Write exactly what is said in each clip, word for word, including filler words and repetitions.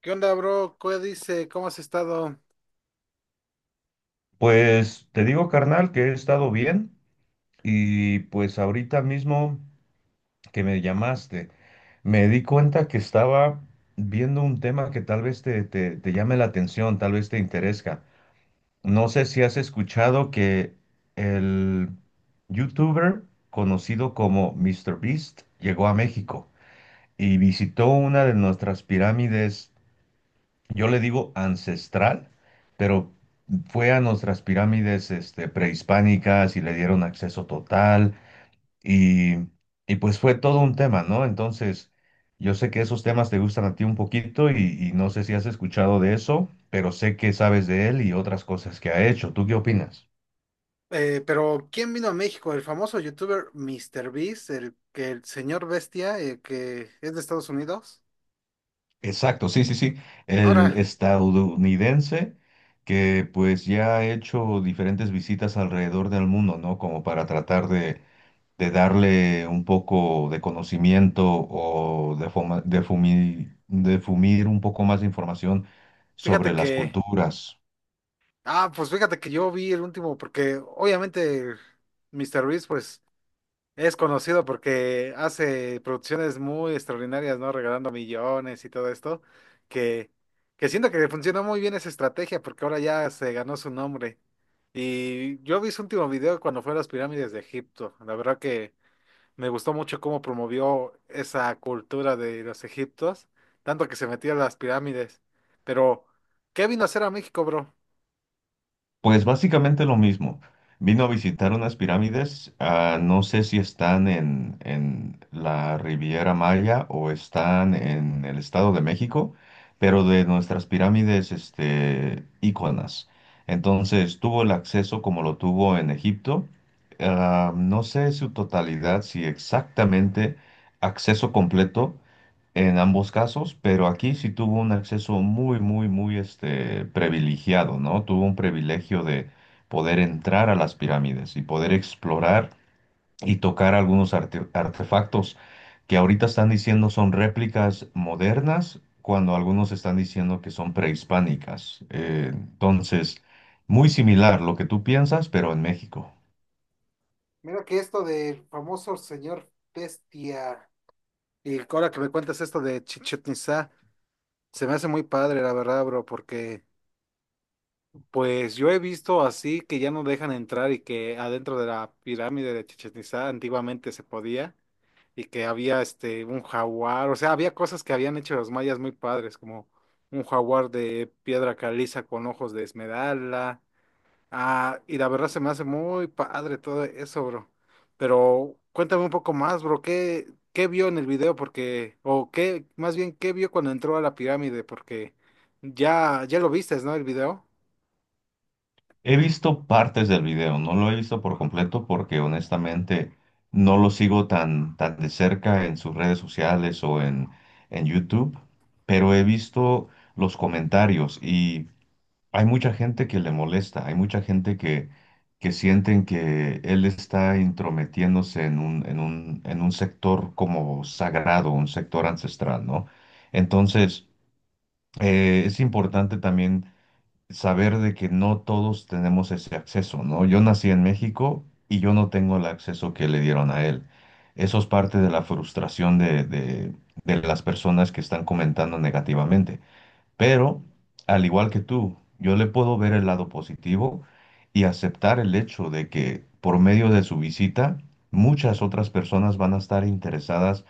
¿Qué onda, bro? ¿Qué dice? ¿Cómo has estado? Pues te digo, carnal, que he estado bien y pues ahorita mismo que me llamaste, me di cuenta que estaba viendo un tema que tal vez te, te, te llame la atención, tal vez te interesa. No sé si has escuchado que el youtuber conocido como MrBeast llegó a México y visitó una de nuestras pirámides yo le digo ancestral, pero fue a nuestras pirámides este, prehispánicas y le dieron acceso total y, y pues fue todo un tema, ¿no? Entonces, yo sé que esos temas te gustan a ti un poquito y, y no sé si has escuchado de eso, pero sé que sabes de él y otras cosas que ha hecho. ¿Tú qué opinas? Eh, pero ¿quién vino a México? El famoso youtuber Mister Beast, el que el señor bestia, eh, que es de Estados Unidos. Exacto, sí, sí, sí. El Ahora, estadounidense que pues ya ha hecho diferentes visitas alrededor del mundo, ¿no? Como para tratar de de darle un poco de conocimiento o de, fuma- de fumi- de fumir un poco más de información sobre fíjate las que, culturas. ah, pues fíjate que yo vi el último, porque obviamente Mister Beast, pues es conocido porque hace producciones muy extraordinarias, ¿no? Regalando millones y todo esto, que, que siento que le funcionó muy bien esa estrategia porque ahora ya se ganó su nombre. Y yo vi su último video cuando fue a las pirámides de Egipto. La verdad que me gustó mucho cómo promovió esa cultura de los egiptos, tanto que se metió a las pirámides. Pero, ¿qué vino a hacer a México, bro? Pues básicamente lo mismo. Vino a visitar unas pirámides, ah, no sé si están en, en la Riviera Maya o están en el Estado de México, pero de nuestras pirámides, este, íconas. Entonces tuvo el acceso como lo tuvo en Egipto. Ah, no sé su totalidad, si exactamente acceso completo, en ambos casos, pero aquí sí tuvo un acceso muy, muy, muy este, privilegiado, ¿no? Tuvo un privilegio de poder entrar a las pirámides y poder explorar y tocar algunos arte- artefactos que ahorita están diciendo son réplicas modernas, cuando algunos están diciendo que son prehispánicas. Eh, entonces, muy similar lo que tú piensas, pero en México. Mira que esto del famoso señor Bestia. Y ahora que me cuentas esto de Chichén, se me hace muy padre, la verdad, bro, porque pues yo he visto así que ya no dejan entrar, y que adentro de la pirámide de Chichén Itzá antiguamente se podía, y que había este un jaguar, o sea, había cosas que habían hecho los mayas muy padres, como un jaguar de piedra caliza con ojos de esmeralda. Ah, y la verdad se me hace muy padre todo eso, bro. Pero cuéntame un poco más, bro, ¿qué, ¿qué vio en el video? Porque, o qué, más bien, ¿qué vio cuando entró a la pirámide? Porque ya, ya lo viste, ¿no? El video. He visto partes del video, no lo he visto por completo porque honestamente no lo sigo tan, tan de cerca en sus redes sociales o en, en YouTube, pero he visto los comentarios y hay mucha gente que le molesta, hay mucha gente que, que sienten que él está intrometiéndose en un, en un, en un sector como sagrado, un sector ancestral, ¿no? Entonces, eh, es importante también saber de que no todos tenemos ese acceso, ¿no? Yo nací en México y yo no tengo el acceso que le dieron a él. Eso es parte de la frustración de, de de las personas que están comentando negativamente. Pero, al igual que tú, yo le puedo ver el lado positivo y aceptar el hecho de que por medio de su visita, muchas otras personas van a estar interesadas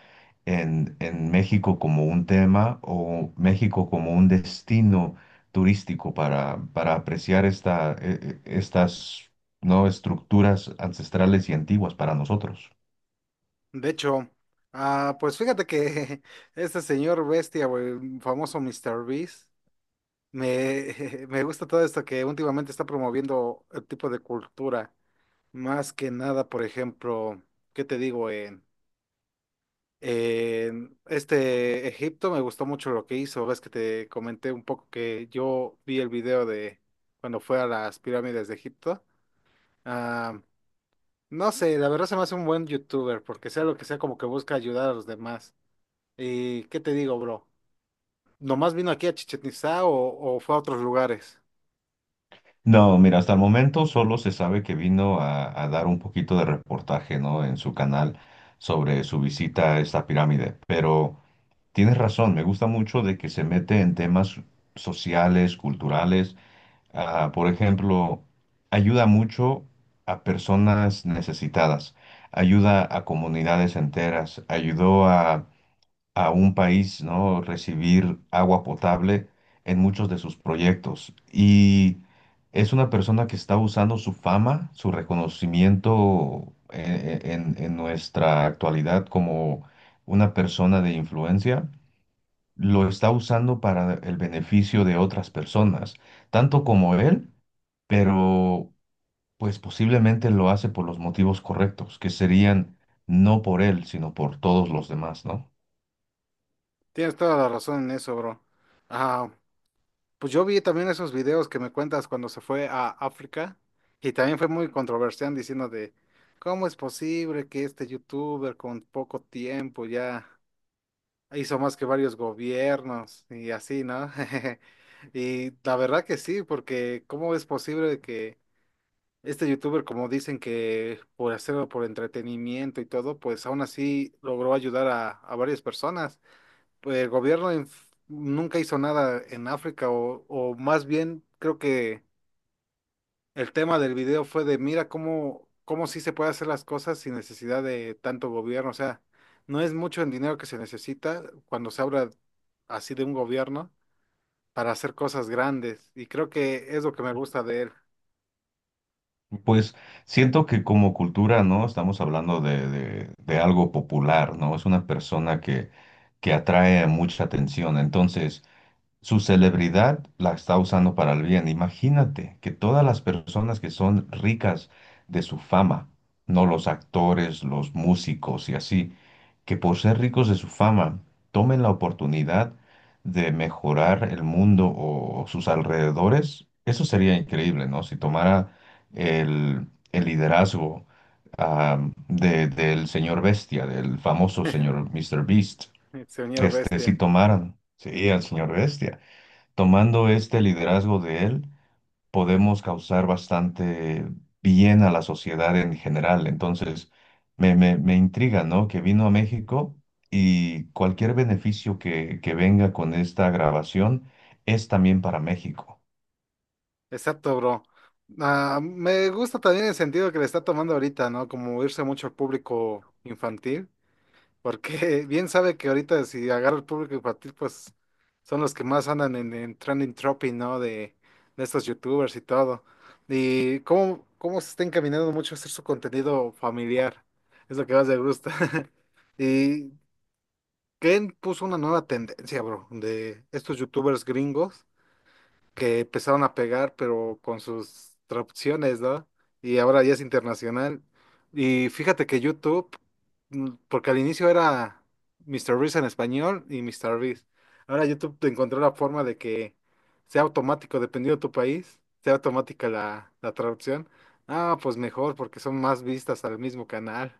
en, en México como un tema o México como un destino turístico para, para apreciar esta, eh, eh, estas, ¿no? estructuras ancestrales y antiguas para nosotros. De hecho, ah, pues fíjate que este señor bestia, o el famoso mister Beast, me, me gusta todo esto que últimamente está promoviendo el tipo de cultura. Más que nada, por ejemplo, ¿qué te digo? Eh, este Egipto me gustó mucho lo que hizo. Ves que te comenté un poco que yo vi el video de cuando fue a las pirámides de Egipto. Ah, no sé, la verdad se me hace un buen youtuber porque sea lo que sea, como que busca ayudar a los demás. ¿Y qué te digo, bro? ¿Nomás vino aquí a Chichén Itzá o, o fue a otros lugares? No, mira, hasta el momento solo se sabe que vino a, a dar un poquito de reportaje, ¿no? En su canal sobre su visita a esta pirámide. Pero tienes razón, me gusta mucho de que se mete en temas sociales, culturales. Ah, por ejemplo, ayuda mucho a personas necesitadas, ayuda a comunidades enteras, ayudó a a un país, ¿no? Recibir agua potable en muchos de sus proyectos. Y es una persona que está usando su fama, su reconocimiento eh, eh, en, en nuestra actualidad como una persona de influencia, lo está usando para el beneficio de otras personas, tanto como él, pero pues posiblemente lo hace por los motivos correctos, que serían no por él, sino por todos los demás, ¿no? Tienes toda la razón en eso, bro. Ah, Pues yo vi también esos videos que me cuentas cuando se fue a África, y también fue muy controversial diciendo de cómo es posible que este youtuber con poco tiempo ya hizo más que varios gobiernos y así, ¿no? Y la verdad que sí, porque cómo es posible que este youtuber, como dicen que por hacerlo por entretenimiento y todo, pues aún así logró ayudar a, a varias personas. el gobierno en- Nunca hizo nada en África, o, o más bien creo que el tema del video fue de mira cómo, cómo sí se puede hacer las cosas sin necesidad de tanto gobierno. O sea, no es mucho el dinero que se necesita cuando se habla así de un gobierno para hacer cosas grandes. Y creo que es lo que me gusta de él, Pues siento que como cultura, ¿no? Estamos hablando de, de- de algo popular, ¿no? Es una persona que, que atrae mucha atención. Entonces, su celebridad la está usando para el bien. Imagínate que todas las personas que son ricas de su fama, ¿no? Los actores, los músicos y así que por ser ricos de su fama tomen la oportunidad de mejorar el mundo o sus alrededores, eso sería increíble, ¿no? Si tomara el, el liderazgo ah, de- del señor Bestia, del famoso señor mister Beast, el señor este, si Bestia. tomaran, sí, al señor Bestia, tomando este liderazgo de él podemos causar bastante bien a la sociedad en general. Entonces, me, me, me intriga, ¿no? Que vino a México y cualquier beneficio que, que venga con esta grabación es también para México. Exacto, bro. Ah, me gusta también el sentido que le está tomando ahorita, ¿no? Como irse mucho al público infantil. Porque bien sabe que ahorita si agarra el público infantil, pues son los que más andan en, en trending topic, ¿no? De, de estos youtubers y todo. Y cómo, cómo se está encaminando mucho a hacer su contenido familiar. Es lo que más me gusta. Y Ken puso una nueva tendencia, bro, de estos youtubers gringos que empezaron a pegar, pero con sus traducciones, ¿no? Y ahora ya es internacional. Y fíjate que YouTube, mm, porque al inicio era mister Reese en español y mister Reese. Ahora YouTube te encontró la forma de que sea automático, dependiendo de tu país, sea automática la, la traducción. Ah, pues mejor, porque son más vistas al mismo canal.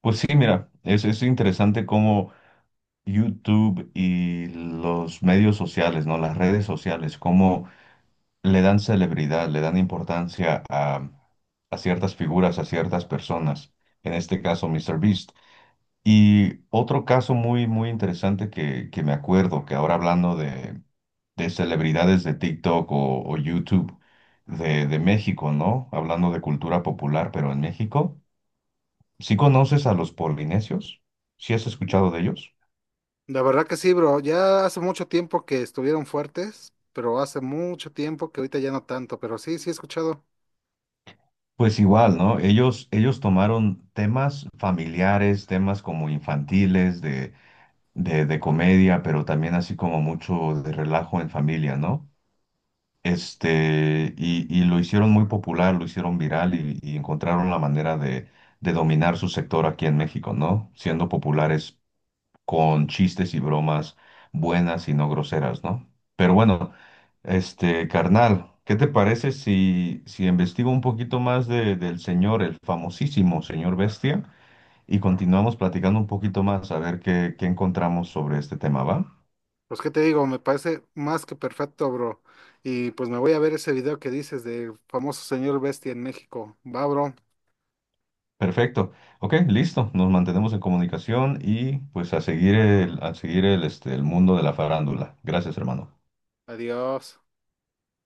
Pues sí, mira, es, es interesante cómo YouTube y los medios sociales, ¿no? Las redes sociales, cómo le dan celebridad, le dan importancia a, a ciertas figuras, a ciertas personas. En este caso, MrBeast. Y otro caso muy, muy interesante que, que me acuerdo, que ahora hablando de, de celebridades de TikTok o, o YouTube de, de México, ¿no? Hablando de cultura popular, pero en México, ¿sí conoces a los polinesios? ¿Sí has escuchado de ellos? La verdad que sí, bro. Ya hace mucho tiempo que estuvieron fuertes, pero hace mucho tiempo que ahorita ya no tanto. Pero sí, sí he escuchado. Pues igual, ¿no? Ellos, ellos tomaron temas familiares, temas como infantiles, de, de, de comedia, pero también así como mucho de relajo en familia, ¿no? Este, y, y lo hicieron muy popular, lo hicieron viral y, y encontraron la manera de, de dominar su sector aquí en México, ¿no? Siendo populares con chistes y bromas buenas y no groseras, ¿no? Pero bueno, este, carnal, ¿qué te parece si, si investigo un poquito más de- del señor, el famosísimo señor Bestia, y continuamos platicando un poquito más a ver qué, qué encontramos sobre este tema, ¿va? Pues qué te digo, me parece más que perfecto, bro. Y pues me voy a ver ese video que dices del famoso señor Bestia en México. Va, bro. Perfecto. Ok, listo. Nos mantenemos en comunicación y pues a seguir el, a seguir el, este, el mundo de la farándula. Gracias, hermano. Adiós.